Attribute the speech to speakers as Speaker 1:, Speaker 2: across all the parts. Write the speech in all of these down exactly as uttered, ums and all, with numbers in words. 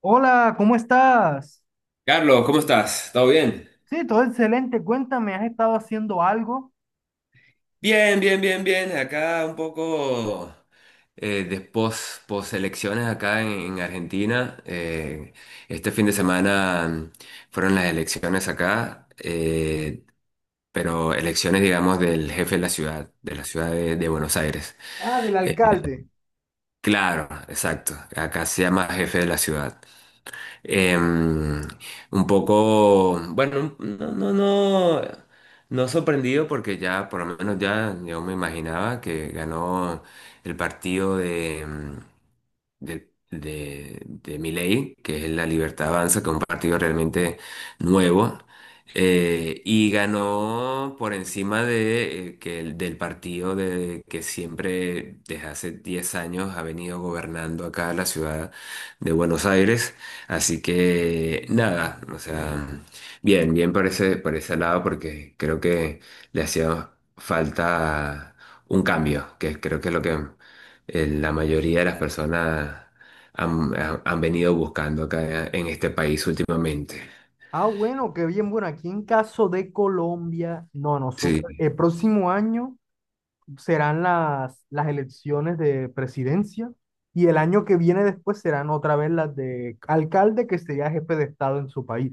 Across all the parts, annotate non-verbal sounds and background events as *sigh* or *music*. Speaker 1: Hola, ¿cómo estás?
Speaker 2: Carlos, ¿cómo estás? ¿Todo bien?
Speaker 1: Sí, todo excelente. Cuéntame, ¿has estado haciendo algo?
Speaker 2: Bien, bien, bien, bien. Acá un poco eh, de pos, elecciones acá en, en Argentina. Eh, este fin de semana mm, fueron las elecciones acá, eh, pero elecciones, digamos, del jefe de la ciudad, de la ciudad de, de Buenos Aires.
Speaker 1: Ah, del
Speaker 2: Eh,
Speaker 1: alcalde.
Speaker 2: claro, exacto. Acá se llama jefe de la ciudad. Eh, un poco, bueno, no, no, no, no sorprendido porque ya, por lo menos ya, yo me imaginaba que ganó el partido de... em, de, de, de Milei, que es la Libertad Avanza, que es un partido realmente nuevo, eh, y ganó por encima de, eh, que el- del partido de, que siempre desde hace diez años ha venido gobernando acá la ciudad de Buenos Aires. Así que nada, o sea, bien, bien por ese, por ese lado, porque creo que le hacía falta un cambio, que creo que es lo que eh, la mayoría de las personas han, han- han venido buscando acá en este país últimamente.
Speaker 1: Ah, bueno, qué bien. Bueno, aquí en caso de Colombia, no,
Speaker 2: Sí.
Speaker 1: nosotros, el próximo año serán las, las elecciones de presidencia y el año que viene después serán otra vez las de alcalde, que sería jefe de Estado en su país.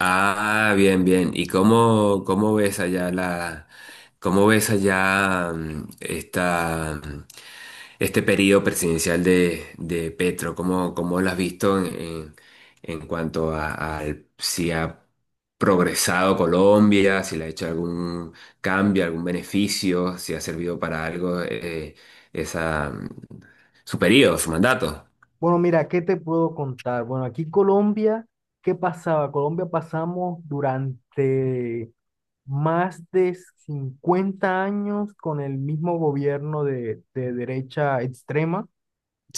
Speaker 2: Ah, bien, bien. ¿Y cómo, cómo ves allá la, cómo ves allá mm, esta, mm, este periodo presidencial de, de Petro? ¿Cómo, cómo lo has visto en, en- en cuanto a, al- si ha progresado Colombia, si le ha hecho algún cambio, algún beneficio, si ha servido para algo eh, esa, mm, su periodo, su mandato?
Speaker 1: Bueno, mira, ¿qué te puedo contar? Bueno, aquí Colombia, ¿qué pasaba? Colombia pasamos durante más de cincuenta años con el mismo gobierno de, de derecha extrema.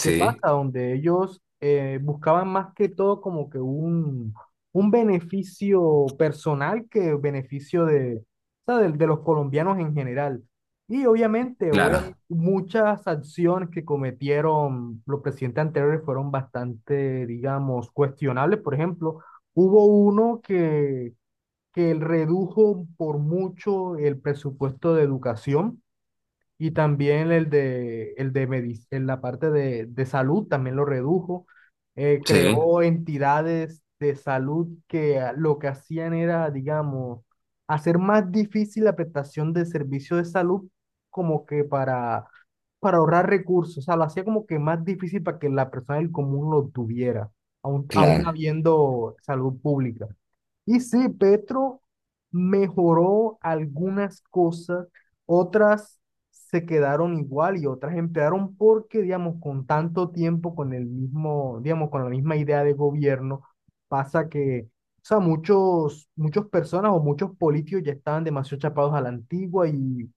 Speaker 1: ¿Qué pasa? Donde ellos eh, buscaban más que todo como que un, un beneficio personal que beneficio de, o sea, de, de los colombianos en general. Y obviamente,
Speaker 2: claro.
Speaker 1: obviamente, muchas acciones que cometieron los presidentes anteriores fueron bastante, digamos, cuestionables. Por ejemplo, hubo uno que que él redujo por mucho el presupuesto de educación y también el de, el de medic- en la parte de, de salud también lo redujo. Eh,
Speaker 2: Sí,
Speaker 1: creó entidades de salud que a- lo que hacían era, digamos, hacer más difícil la prestación de servicios de salud como que para, para ahorrar recursos. O sea, lo hacía como que más difícil para que la persona del común lo tuviera, aún, aún
Speaker 2: claro.
Speaker 1: habiendo salud pública. Y sí, Petro mejoró algunas cosas, otras se quedaron igual y otras empeoraron porque, digamos, con tanto tiempo, con el mismo, digamos, con la misma idea de gobierno, pasa que, o sea, muchos, muchas personas o muchos políticos ya estaban demasiado chapados a la antigua y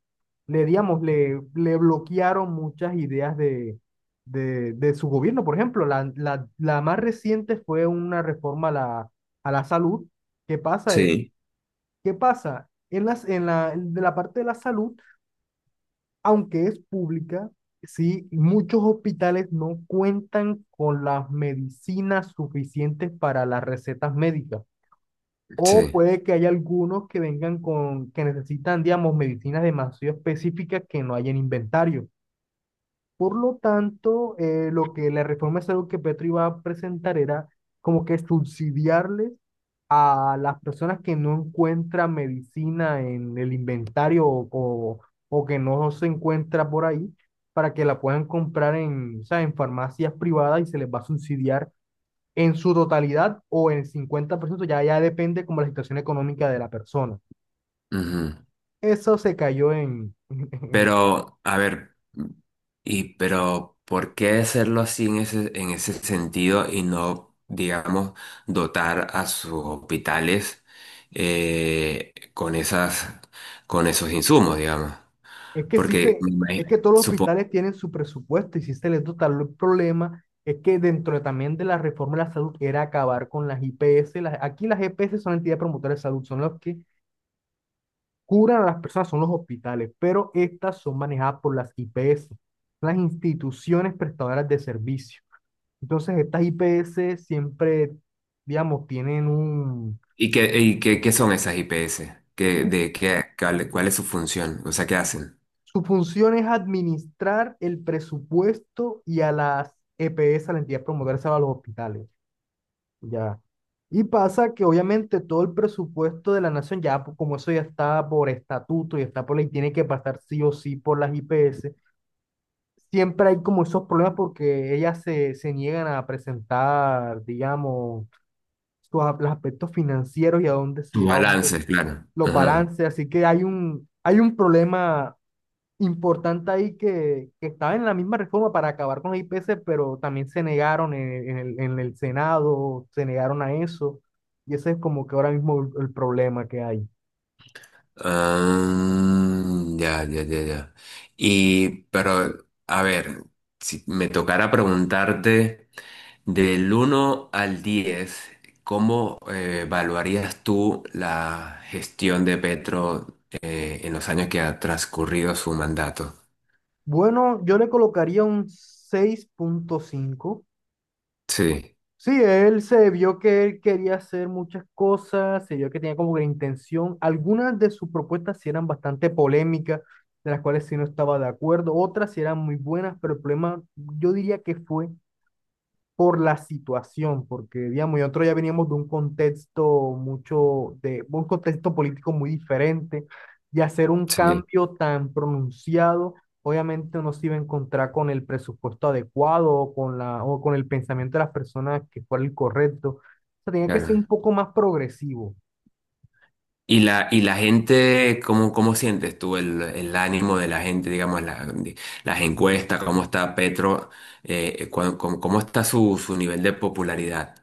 Speaker 1: le, digamos, le, le bloquearon muchas ideas de, de, de su gobierno. Por ejemplo, la, la, la más reciente fue una reforma a la, a la salud. ¿Qué pasa?
Speaker 2: Sí.
Speaker 1: ¿Qué pasa? En las, en la, De la parte de la salud, aunque es pública, sí, muchos hospitales no cuentan con las medicinas suficientes para las recetas médicas. O
Speaker 2: Sí.
Speaker 1: puede que haya algunos que vengan con, que necesitan, digamos, medicinas demasiado específicas que no hay en inventario. Por lo tanto, eh, lo que la reforma es algo que Petro iba a presentar era como que subsidiarles a las personas que no encuentran medicina en el inventario o, o, o que no se encuentra por ahí, para que la puedan comprar en, o sea, en farmacias privadas y se les va a subsidiar en su totalidad o en el cincuenta por ciento ya, ya depende como la situación económica de la persona.
Speaker 2: Ujú.
Speaker 1: Eso se cayó en, *laughs*
Speaker 2: Pero, a ver, y pero ¿por qué hacerlo así en ese, en ese sentido y no, digamos, dotar a sus hospitales eh, con esas, con esos insumos, digamos?
Speaker 1: Es que sí
Speaker 2: Porque
Speaker 1: se,
Speaker 2: me
Speaker 1: es
Speaker 2: imagi-
Speaker 1: que todos los
Speaker 2: supo-
Speaker 1: hospitales tienen su presupuesto y sí se les dota. El problema es que dentro de- también de la reforma de la salud era acabar con las I P S. Las- aquí las E P S son entidades promotoras de salud, son los que curan a las personas, son los hospitales, pero estas son manejadas por las I P S, las instituciones prestadoras de servicio. Entonces, estas I P S siempre, digamos, tienen un,
Speaker 2: ¿y qué, y qué, qué son esas I P S? ¿Qué, de qué, cuál, cuál es su función? O sea, ¿qué hacen?
Speaker 1: su función es administrar el presupuesto y a las E P S, a la entidad promotora de salud, a los hospitales. Ya. Y pasa que obviamente todo el presupuesto de la nación, ya po- como eso ya está por estatuto y está por ley, tiene que pasar sí o sí por las I P S. Siempre hay como esos problemas porque ellas se, se niegan a presentar, digamos, sus, a- los aspectos financieros y a dónde
Speaker 2: Sus
Speaker 1: se, a dónde
Speaker 2: balances, claro.
Speaker 1: los
Speaker 2: Ajá.
Speaker 1: balances. Así que hay un, hay un problema importante ahí que, que estaba en la misma reforma para acabar con la I P C, pero también se negaron en, en el, en el Senado, se negaron a eso, y ese es como que ahora mismo el, el problema que hay.
Speaker 2: Ah, ya, ya, ya, ya. Y, pero, a ver, si me tocara preguntarte del uno al diez, ¿cómo eh, evaluarías tú la gestión de Petro eh, en los años que ha transcurrido su mandato?
Speaker 1: Bueno, yo le colocaría un seis punto cinco.
Speaker 2: Sí,
Speaker 1: Sí, él se vio que él quería hacer muchas cosas, se vio que tenía como que intención. Algunas de sus propuestas sí eran bastante polémicas, de las cuales sí no estaba de acuerdo, otras sí eran muy buenas, pero el problema yo diría que fue por la situación, porque digamos, nosotros ya veníamos de un contexto mucho, de un contexto político muy diferente, y hacer un
Speaker 2: sí,
Speaker 1: cambio tan pronunciado, obviamente no se iba a encontrar con el presupuesto adecuado o con la, o con el pensamiento de las personas que fuera el correcto. O sea, tenía que ser un
Speaker 2: claro.
Speaker 1: poco más progresivo.
Speaker 2: Y la, y la gente, ¿cómo, cómo sientes tú el, el ánimo de la gente, digamos, la- las encuestas, cómo está Petro, eh, cu- cómo, cómo está su, su nivel de popularidad?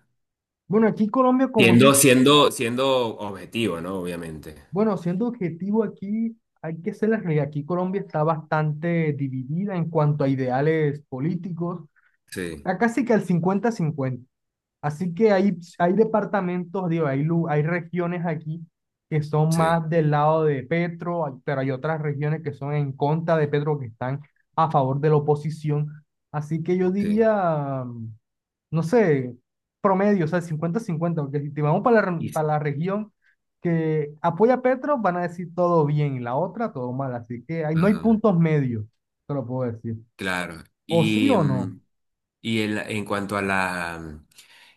Speaker 1: Bueno, aquí Colombia, como es un,
Speaker 2: Siendo, siendo, siendo objetivo, ¿no? Obviamente.
Speaker 1: bueno, siendo objetivo aquí, hay que ser la realidad. Aquí Colombia está bastante dividida en cuanto a ideales políticos,
Speaker 2: Sí,
Speaker 1: acá sí que al cincuenta-cincuenta. Así que hay, hay departamentos, digo, hay, lu- hay regiones aquí que son
Speaker 2: sí,
Speaker 1: más del lado de Petro, hay- pero hay otras regiones que son en contra de Petro, que están a favor de la oposición. Así que yo
Speaker 2: sí.
Speaker 1: diría, no sé, promedio, o sea, cincuenta-cincuenta, porque si te vamos para la, re-
Speaker 2: Y-
Speaker 1: para la región que apoya a Petro, van a decir todo bien, y la otra todo mal. Así que hay- no hay
Speaker 2: Ajá,
Speaker 1: puntos medios, te lo puedo decir.
Speaker 2: claro.
Speaker 1: O sí
Speaker 2: Y,
Speaker 1: o no.
Speaker 2: mm, Y el- en cuanto a la, mm,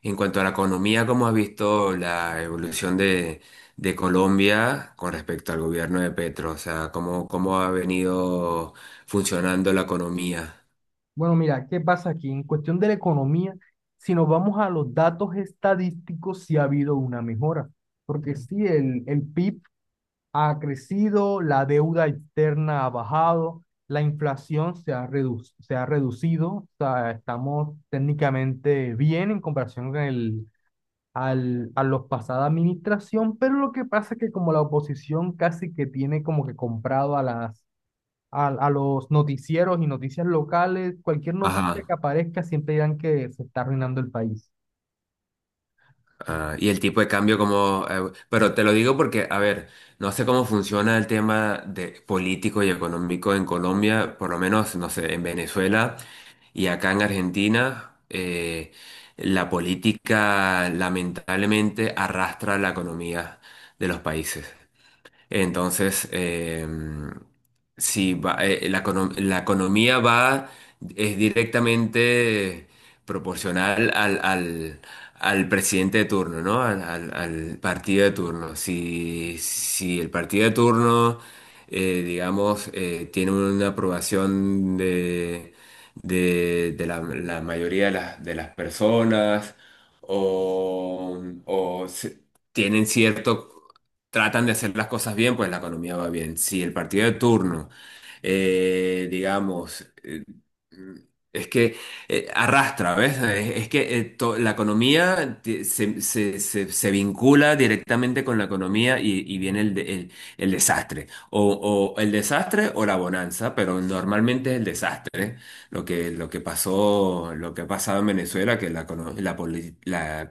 Speaker 2: en cuanto a la economía, ¿cómo has visto la evolución de, de Colombia con respecto al gobierno de Petro? O sea, ¿cómo, cómo ha venido funcionando la economía?
Speaker 1: Bueno, mira, ¿qué pasa aquí? En cuestión de la economía, si nos vamos a los datos estadísticos, sí ha habido una mejora, porque sí, el, el P I B ha crecido, la deuda externa ha bajado, la inflación se ha redu- se ha reducido, o sea, estamos técnicamente bien en comparación con el, al, a los pasada administración, pero lo que pasa es que como la oposición casi que tiene como que comprado a las a, a los noticieros y noticias locales, cualquier noticia que
Speaker 2: Ajá.
Speaker 1: aparezca siempre dirán que se está arruinando el país.
Speaker 2: Ah, y el tipo de cambio como... eh, pero te lo digo porque, a ver, no sé cómo funciona el tema de político y económico en Colombia, por lo menos, no sé, en Venezuela y acá en Argentina, eh, la política lamentablemente arrastra la economía de los países. Entonces, eh, sí, va- eh, la, econo- la economía va, es directamente proporcional al, al, al presidente de turno, ¿no? Al, al- al partido de turno. Si, si el partido de turno, eh, digamos, eh, tiene una aprobación de, de, de la, la mayoría de las, de las personas o, o se- tienen cierto tratan de hacer las cosas bien, pues la economía va bien. Si el partido de turno, eh, digamos, eh, es que eh, arrastra, ¿ves? Es, es que eh, to- la economía ti- se, se- se- se vincula directamente con la economía y, y viene el, de- el- el desastre. O, o el desastre o la bonanza, pero normalmente es el desastre. ¿Eh? Lo que, lo que pasó, lo que ha pasado en Venezuela, que la, econo- la, poli- la,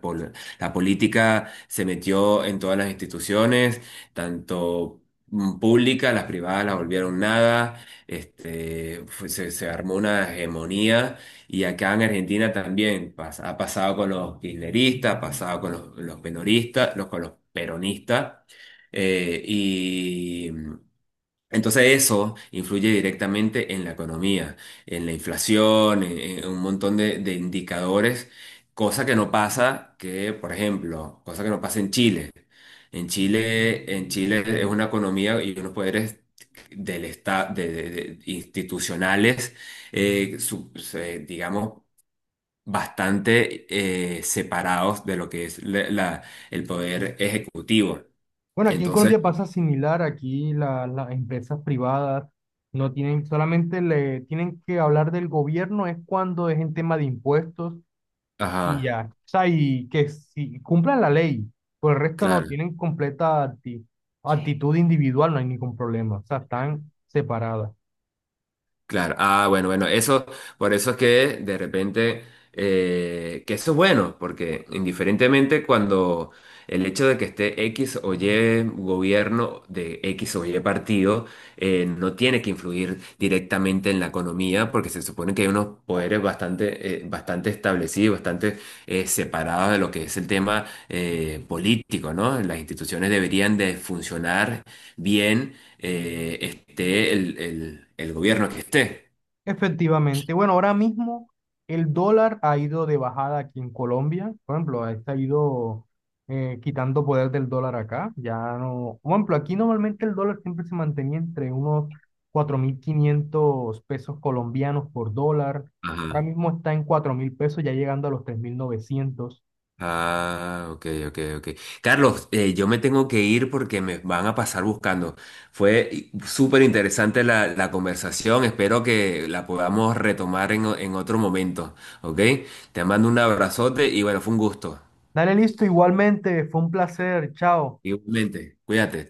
Speaker 2: la política se metió en todas las instituciones, tanto mm, públicas, las privadas las volvieron nada, este, fue- se, se armó una hegemonía y acá en Argentina también pas- ha pasado con los kirchneristas, ha pasado con los, los penoristas, los, con los peronistas. eh, entonces eso influye directamente en la economía, en la inflación, en, en un montón de, de indicadores, cosa que no pasa que, por ejemplo, cosa que no pasa en Chile. En Chile, en Chile es una economía y unos poderes del esta- de, de- de- institucionales, eh, su- se- digamos, bastante eh, separados de lo que es la- la- el poder ejecutivo.
Speaker 1: Bueno, aquí en
Speaker 2: Entonces,
Speaker 1: Colombia pasa similar, aquí la- las empresas privadas no tienen, solamente le tienen que hablar del gobierno, es cuando es en tema de impuestos y
Speaker 2: ajá,
Speaker 1: ya. O sea, y que si cumplan la ley, por el resto no,
Speaker 2: claro.
Speaker 1: tienen completa acti- actitud individual, no hay ningún problema, o sea, están separadas.
Speaker 2: Claro, ah, bueno, bueno, eso, por eso es que de repente, eh, que eso es bueno, porque indiferentemente cuando el hecho de que esté X o Y gobierno de X o Y partido, eh, no tiene que influir directamente en la economía, porque se supone que hay unos poderes bastante, eh, bastante establecidos, bastante eh, separados de lo que es el tema eh, político, ¿no? Las instituciones deberían de funcionar bien eh, esté el, el- el gobierno que esté.
Speaker 1: Efectivamente. Bueno, ahora mismo el dólar ha ido de bajada aquí en Colombia. Por ejemplo, este ha ido eh, quitando poder del dólar acá. Ya no. Por ejemplo, aquí normalmente el dólar siempre se mantenía entre unos cuatro mil quinientos pesos colombianos por dólar. Ahora
Speaker 2: Ajá.
Speaker 1: mismo está en cuatro mil pesos, ya llegando a los tres mil novecientos.
Speaker 2: Ah, ok, ok, ok. Carlos, eh, yo me tengo que ir porque me van a pasar buscando. Fue súper interesante la, la conversación. Espero que la podamos retomar en, o- en otro momento. ¿Ok? Te mando un abrazote y bueno, fue un gusto.
Speaker 1: Dale listo, igualmente. Fue un placer. Chao.
Speaker 2: Igualmente, cuídate.